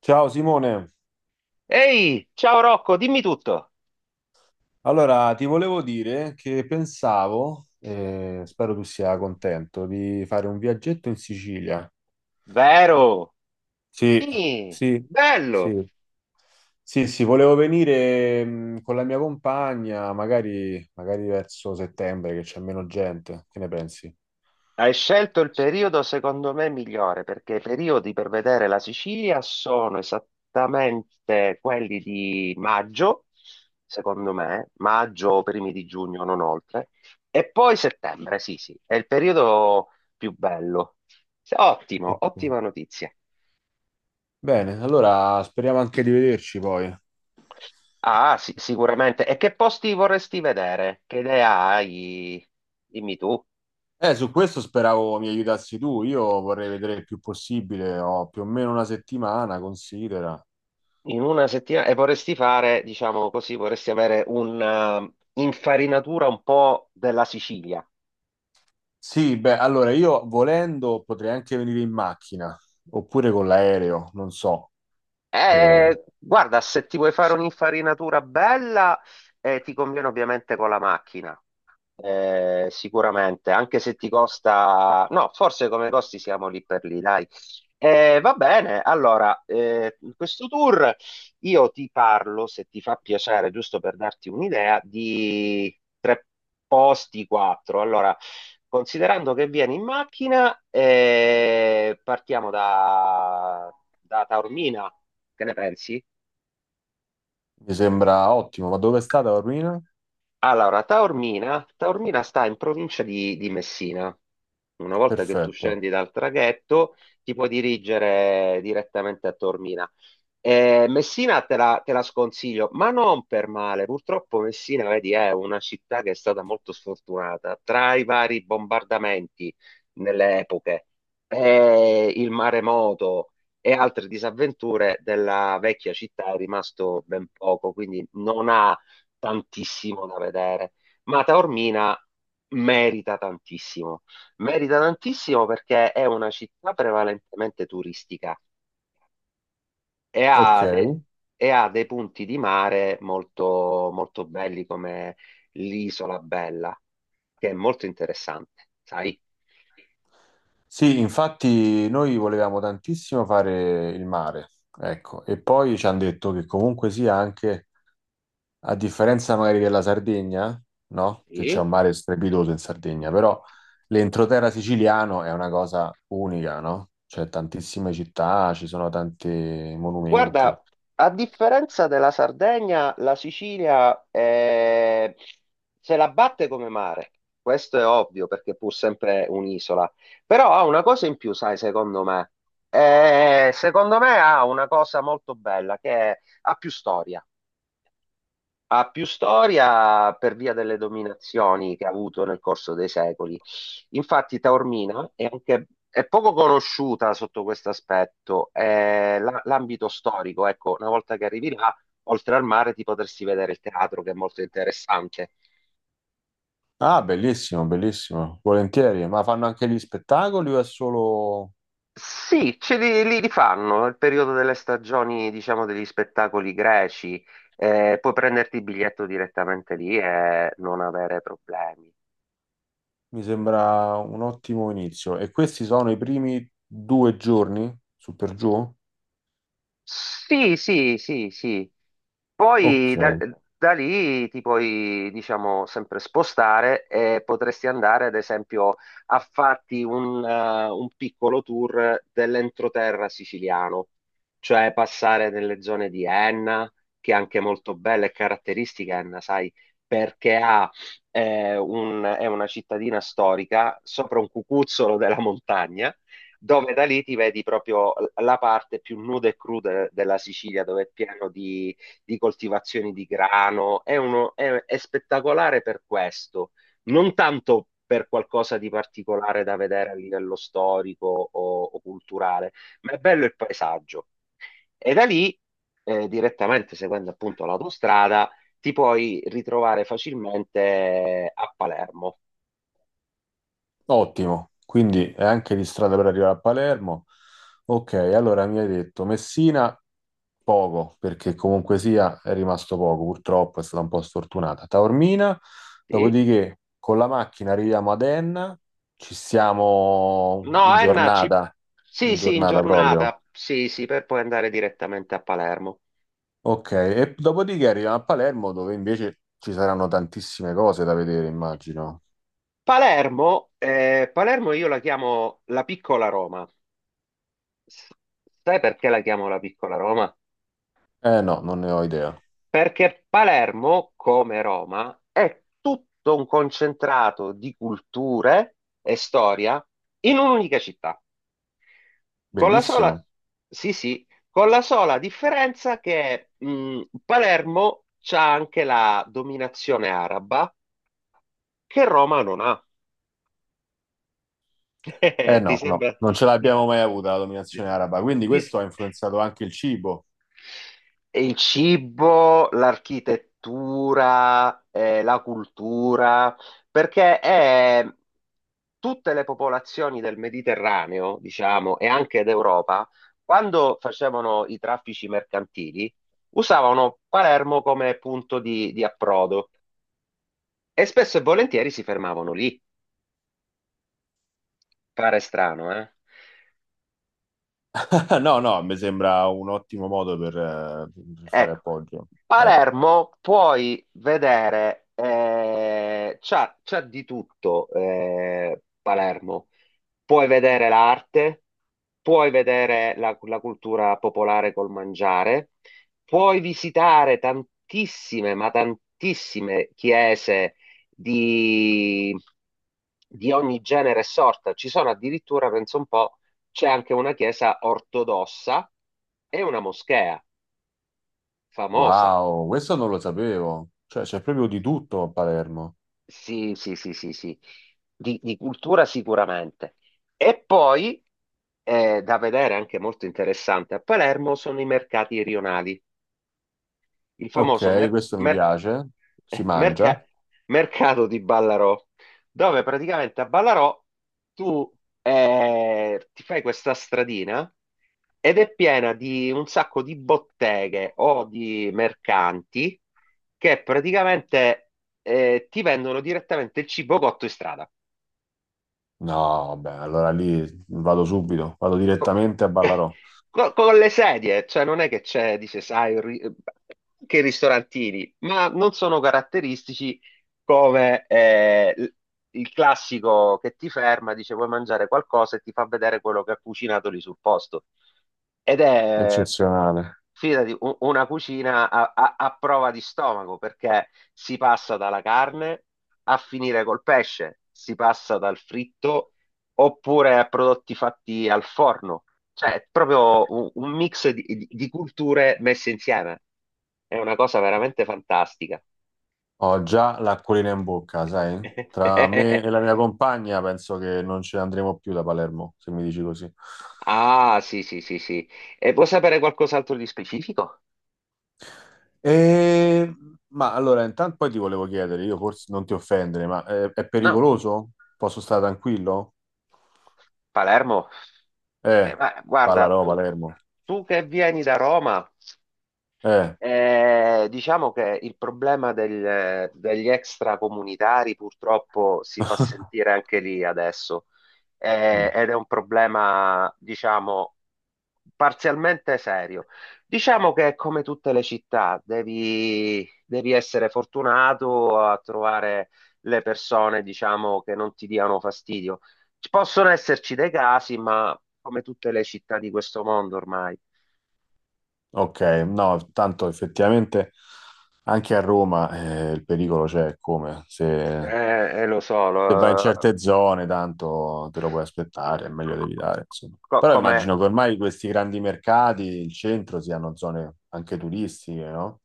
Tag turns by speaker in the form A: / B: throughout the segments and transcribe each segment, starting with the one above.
A: Ciao Simone,
B: Ehi, ciao Rocco, dimmi tutto.
A: allora ti volevo dire che pensavo, spero tu sia contento, di fare un viaggetto in Sicilia.
B: Vero?
A: Sì,
B: Sì,
A: sì,
B: bello.
A: sì, sì, sì, volevo venire con la mia compagna, magari, magari verso settembre che c'è meno gente, che ne pensi?
B: Hai scelto il periodo secondo me migliore perché i periodi per vedere la Sicilia sono esattamente quelli di maggio, secondo me, maggio o primi di giugno, non oltre, e poi settembre, sì, sì, è il periodo più bello. Sì, ottimo,
A: Ok.
B: ottima notizia.
A: Bene, allora speriamo anche di vederci poi.
B: Ah, sì, sicuramente. E che posti vorresti vedere? Che idea hai? Dimmi tu.
A: Su questo speravo mi aiutassi tu, io vorrei vedere il più possibile, ho più o meno una settimana, considera.
B: In una settimana e vorresti fare, diciamo così, vorresti avere un'infarinatura un po' della Sicilia.
A: Sì, beh, allora io volendo potrei anche venire in macchina oppure con l'aereo, non so. Eh,
B: Guarda, se ti vuoi fare un'infarinatura bella, ti conviene ovviamente con la macchina. Sicuramente, anche se ti costa, no, forse come costi siamo lì per lì, dai. Va bene, allora, in questo tour io ti parlo, se ti fa piacere, giusto per darti un'idea, di tre posti, quattro. Allora, considerando che vieni in macchina, partiamo da, da Taormina, che ne pensi?
A: mi sembra ottimo, ma dove è stata Ormina?
B: Allora, Taormina, Taormina sta in provincia di Messina. Una volta che tu
A: Perfetto.
B: scendi dal traghetto, ti puoi dirigere direttamente a Taormina. Messina te la sconsiglio, ma non per male. Purtroppo Messina, vedi, è una città che è stata molto sfortunata. Tra i vari bombardamenti nelle epoche, il maremoto e altre disavventure della vecchia città è rimasto ben poco, quindi non ha tantissimo da vedere. Ma Taormina merita tantissimo. Merita tantissimo perché è una città prevalentemente turistica e
A: Ok.
B: ha, e ha dei punti di mare molto, molto belli come l'Isola Bella, che è molto interessante, sai?
A: Sì, infatti noi volevamo tantissimo fare il mare, ecco, e poi ci hanno detto che comunque sia anche a differenza magari della Sardegna, no? Che c'è
B: Sì.
A: un mare strepitoso in Sardegna, però l'entroterra siciliano è una cosa unica, no? C'è tantissime città, ci sono tanti monumenti.
B: Guarda, a differenza della Sardegna, la Sicilia se la batte come mare. Questo è ovvio perché è pur sempre un'isola. Però ha una cosa in più, sai, secondo me. Secondo me ha una cosa molto bella ha più storia. Ha più storia per via delle dominazioni che ha avuto nel corso dei secoli. Infatti, Taormina è anche è poco conosciuta sotto questo aspetto. L'ambito storico, ecco, una volta che arrivi là, oltre al mare, ti potresti vedere il teatro, che è molto interessante.
A: Ah, bellissimo, bellissimo, volentieri. Ma fanno anche gli spettacoli o è solo,
B: Sì, ce li, li rifanno nel periodo delle stagioni, diciamo, degli spettacoli greci. Puoi prenderti il biglietto direttamente lì e non avere problemi.
A: mi sembra, un ottimo inizio? E questi sono i primi 2 giorni, su per giù?
B: Sì, sì, sì, sì. Poi
A: Ok.
B: da, da lì ti puoi, diciamo, sempre spostare e potresti andare, ad esempio, a farti un piccolo tour dell'entroterra siciliano, cioè passare nelle zone di Enna, che è anche molto bella e caratteristica Enna, sai, perché ha, è una cittadina storica sopra un cucuzzolo della montagna dove da lì ti vedi proprio la parte più nuda e cruda della Sicilia, dove è pieno di coltivazioni di grano, è, uno, è spettacolare per questo, non tanto per qualcosa di particolare da vedere a livello storico o culturale, ma è bello il paesaggio. E da lì, direttamente seguendo appunto l'autostrada, ti puoi ritrovare facilmente a Palermo.
A: Ottimo, quindi è anche di strada per arrivare a Palermo. Ok, allora mi hai detto Messina poco, perché comunque sia è rimasto poco, purtroppo è stata un po' sfortunata. Taormina,
B: Sì?
A: dopodiché con la macchina arriviamo ad Enna, ci siamo
B: No, Enna, ci... sì,
A: in
B: sì, in
A: giornata proprio.
B: giornata, sì, sì, per poi andare direttamente a Palermo.
A: Ok, e dopodiché arriviamo a Palermo dove invece ci saranno tantissime cose da vedere, immagino.
B: Palermo, Palermo io la chiamo la piccola Roma. S- Sai perché la chiamo la piccola Roma?
A: Eh no, non ne ho idea.
B: Perché Palermo, come Roma, è tutto un concentrato di culture e storia in un'unica città, con la
A: Bellissimo.
B: sola, sì, sì, con la sola differenza che Palermo c'ha anche la dominazione araba che Roma non ha.
A: Eh
B: Ti
A: no, no,
B: sembra?
A: non ce l'abbiamo mai avuta la dominazione araba, quindi
B: Ti,
A: questo ha influenzato anche il cibo.
B: E il cibo, l'architettura, la cultura, perché tutte le popolazioni del Mediterraneo, diciamo, e anche d'Europa, quando facevano i traffici mercantili, usavano Palermo come punto di approdo e spesso e volentieri si fermavano lì. Pare strano, eh?
A: No, no, mi sembra un ottimo modo per fare
B: Ecco,
A: appoggio. Eh,
B: Palermo puoi vedere, c'ha, c'ha di tutto Palermo. Puoi vedere l'arte, puoi vedere la, la cultura popolare col mangiare, puoi visitare tantissime, ma tantissime chiese di, di ogni genere e sorta. Ci sono addirittura, penso un po', c'è anche una chiesa ortodossa e una moschea. Famosa,
A: Wow, questo non lo sapevo. Cioè, c'è proprio di tutto a Palermo.
B: sì, sì, sì, sì, sì, di cultura sicuramente. E poi, da vedere anche molto interessante a Palermo, sono i mercati rionali. Il famoso
A: Ok, questo mi piace. Si
B: eh,
A: mangia?
B: merca- mercato di Ballarò, dove praticamente a Ballarò tu ti fai questa stradina ed è piena di un sacco di botteghe o di mercanti che praticamente ti vendono direttamente il cibo cotto in strada.
A: No, vabbè, allora lì vado subito, vado
B: co-
A: direttamente a Ballarò.
B: con le sedie, cioè non è che c'è, dice, sai, che i ristorantini, ma non sono caratteristici come il classico che ti ferma, dice, vuoi mangiare qualcosa e ti fa vedere quello che ha cucinato lì sul posto. Ed è,
A: Eccezionale.
B: fidati, una cucina a, a prova di stomaco, perché si passa dalla carne a finire col pesce, si passa dal fritto oppure a prodotti fatti al forno. Cioè, è proprio un mix di, di culture messe insieme. È una cosa veramente fantastica.
A: Ho già l'acquolina in bocca, sai? Tra me e la mia compagna penso che non ce ne andremo più da Palermo, se mi dici così.
B: Ah, sì, sì, sì, sì. E vuoi sapere qualcos'altro di specifico?
A: Eh, ma allora, intanto poi ti volevo chiedere, io forse non ti offendere, ma è
B: No,
A: pericoloso? Posso stare tranquillo?
B: Palermo.
A: Eh,
B: Ma guarda,
A: Pallarò, Palermo.
B: tu che vieni da Roma.
A: Eh.
B: Diciamo che il problema degli extracomunitari purtroppo si fa sentire anche lì adesso.
A: Mm,
B: Ed è un problema, diciamo, parzialmente serio. Diciamo che è come tutte le città, devi, devi essere fortunato a trovare le persone, diciamo, che non ti diano fastidio. Ci possono esserci dei casi, ma come tutte le città di questo mondo ormai.
A: ok, no, tanto effettivamente anche a Roma il pericolo c'è, come se,
B: Lo so,
A: se vai in certe zone tanto te lo puoi aspettare, è meglio di evitare, insomma. Però
B: Come
A: immagino che ormai questi grandi mercati, il centro, siano zone anche turistiche, no?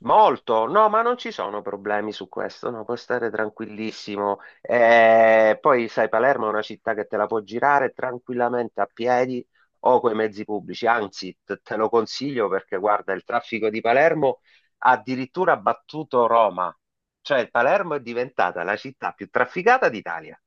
B: molto, no, ma non ci sono problemi su questo, no, puoi stare tranquillissimo. Poi sai, Palermo è una città che te la può girare tranquillamente a piedi o coi mezzi pubblici, anzi, te lo consiglio perché guarda, il traffico di Palermo ha addirittura battuto Roma, cioè Palermo è diventata la città più trafficata d'Italia.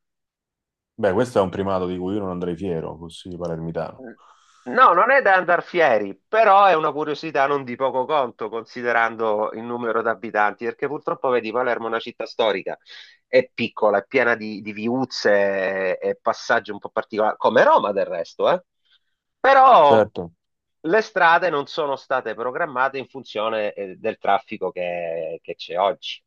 A: Beh, questo è un primato di cui io non andrei fiero, così palermitano.
B: Eh, No, non è da andar fieri, però è una curiosità non di poco conto considerando il numero di abitanti, perché purtroppo vedi Palermo è una città storica, è piccola, è piena di viuzze e passaggi un po' particolari, come Roma del resto, eh? Però
A: Certo.
B: le strade non sono state programmate in funzione del traffico che c'è oggi.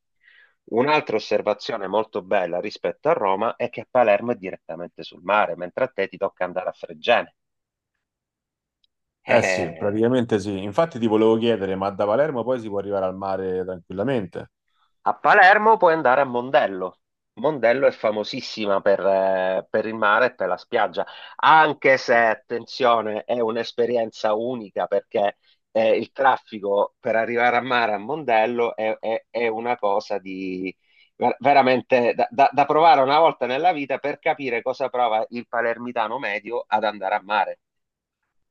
B: Un'altra osservazione molto bella rispetto a Roma è che a Palermo è direttamente sul mare, mentre a te ti tocca andare a Fregene.
A: Eh sì,
B: Eh,
A: praticamente sì. Infatti ti volevo chiedere, ma da Palermo poi si può arrivare al mare tranquillamente?
B: a Palermo puoi andare a Mondello. Mondello è famosissima per il mare e per la spiaggia, anche se, attenzione, è un'esperienza unica perché il traffico per arrivare a mare a Mondello è, è una cosa di veramente da, da provare una volta nella vita per capire cosa prova il palermitano medio ad andare a mare.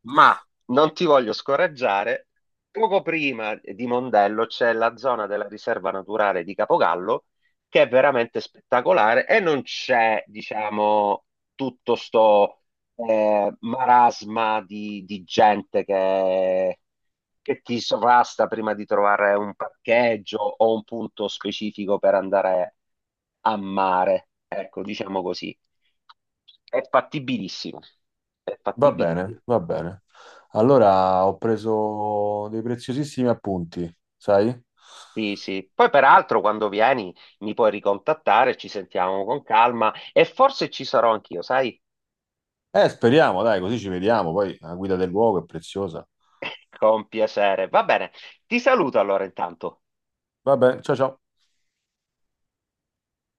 B: Ma non ti voglio scoraggiare, poco prima di Mondello c'è la zona della riserva naturale di Capogallo che è veramente spettacolare e non c'è, diciamo, tutto sto marasma di gente che ti sovrasta prima di trovare un parcheggio o un punto specifico per andare a mare. Ecco, diciamo così. È fattibilissimo. È
A: Va
B: fattibilissimo.
A: bene, va bene. Allora ho preso dei preziosissimi appunti, sai?
B: Sì, sì. Poi peraltro quando vieni mi puoi ricontattare, ci sentiamo con calma e forse ci sarò anch'io, sai?
A: Speriamo, dai, così ci vediamo. Poi la guida del luogo è preziosa.
B: Con piacere. Va bene, ti saluto allora intanto.
A: Va bene, ciao ciao.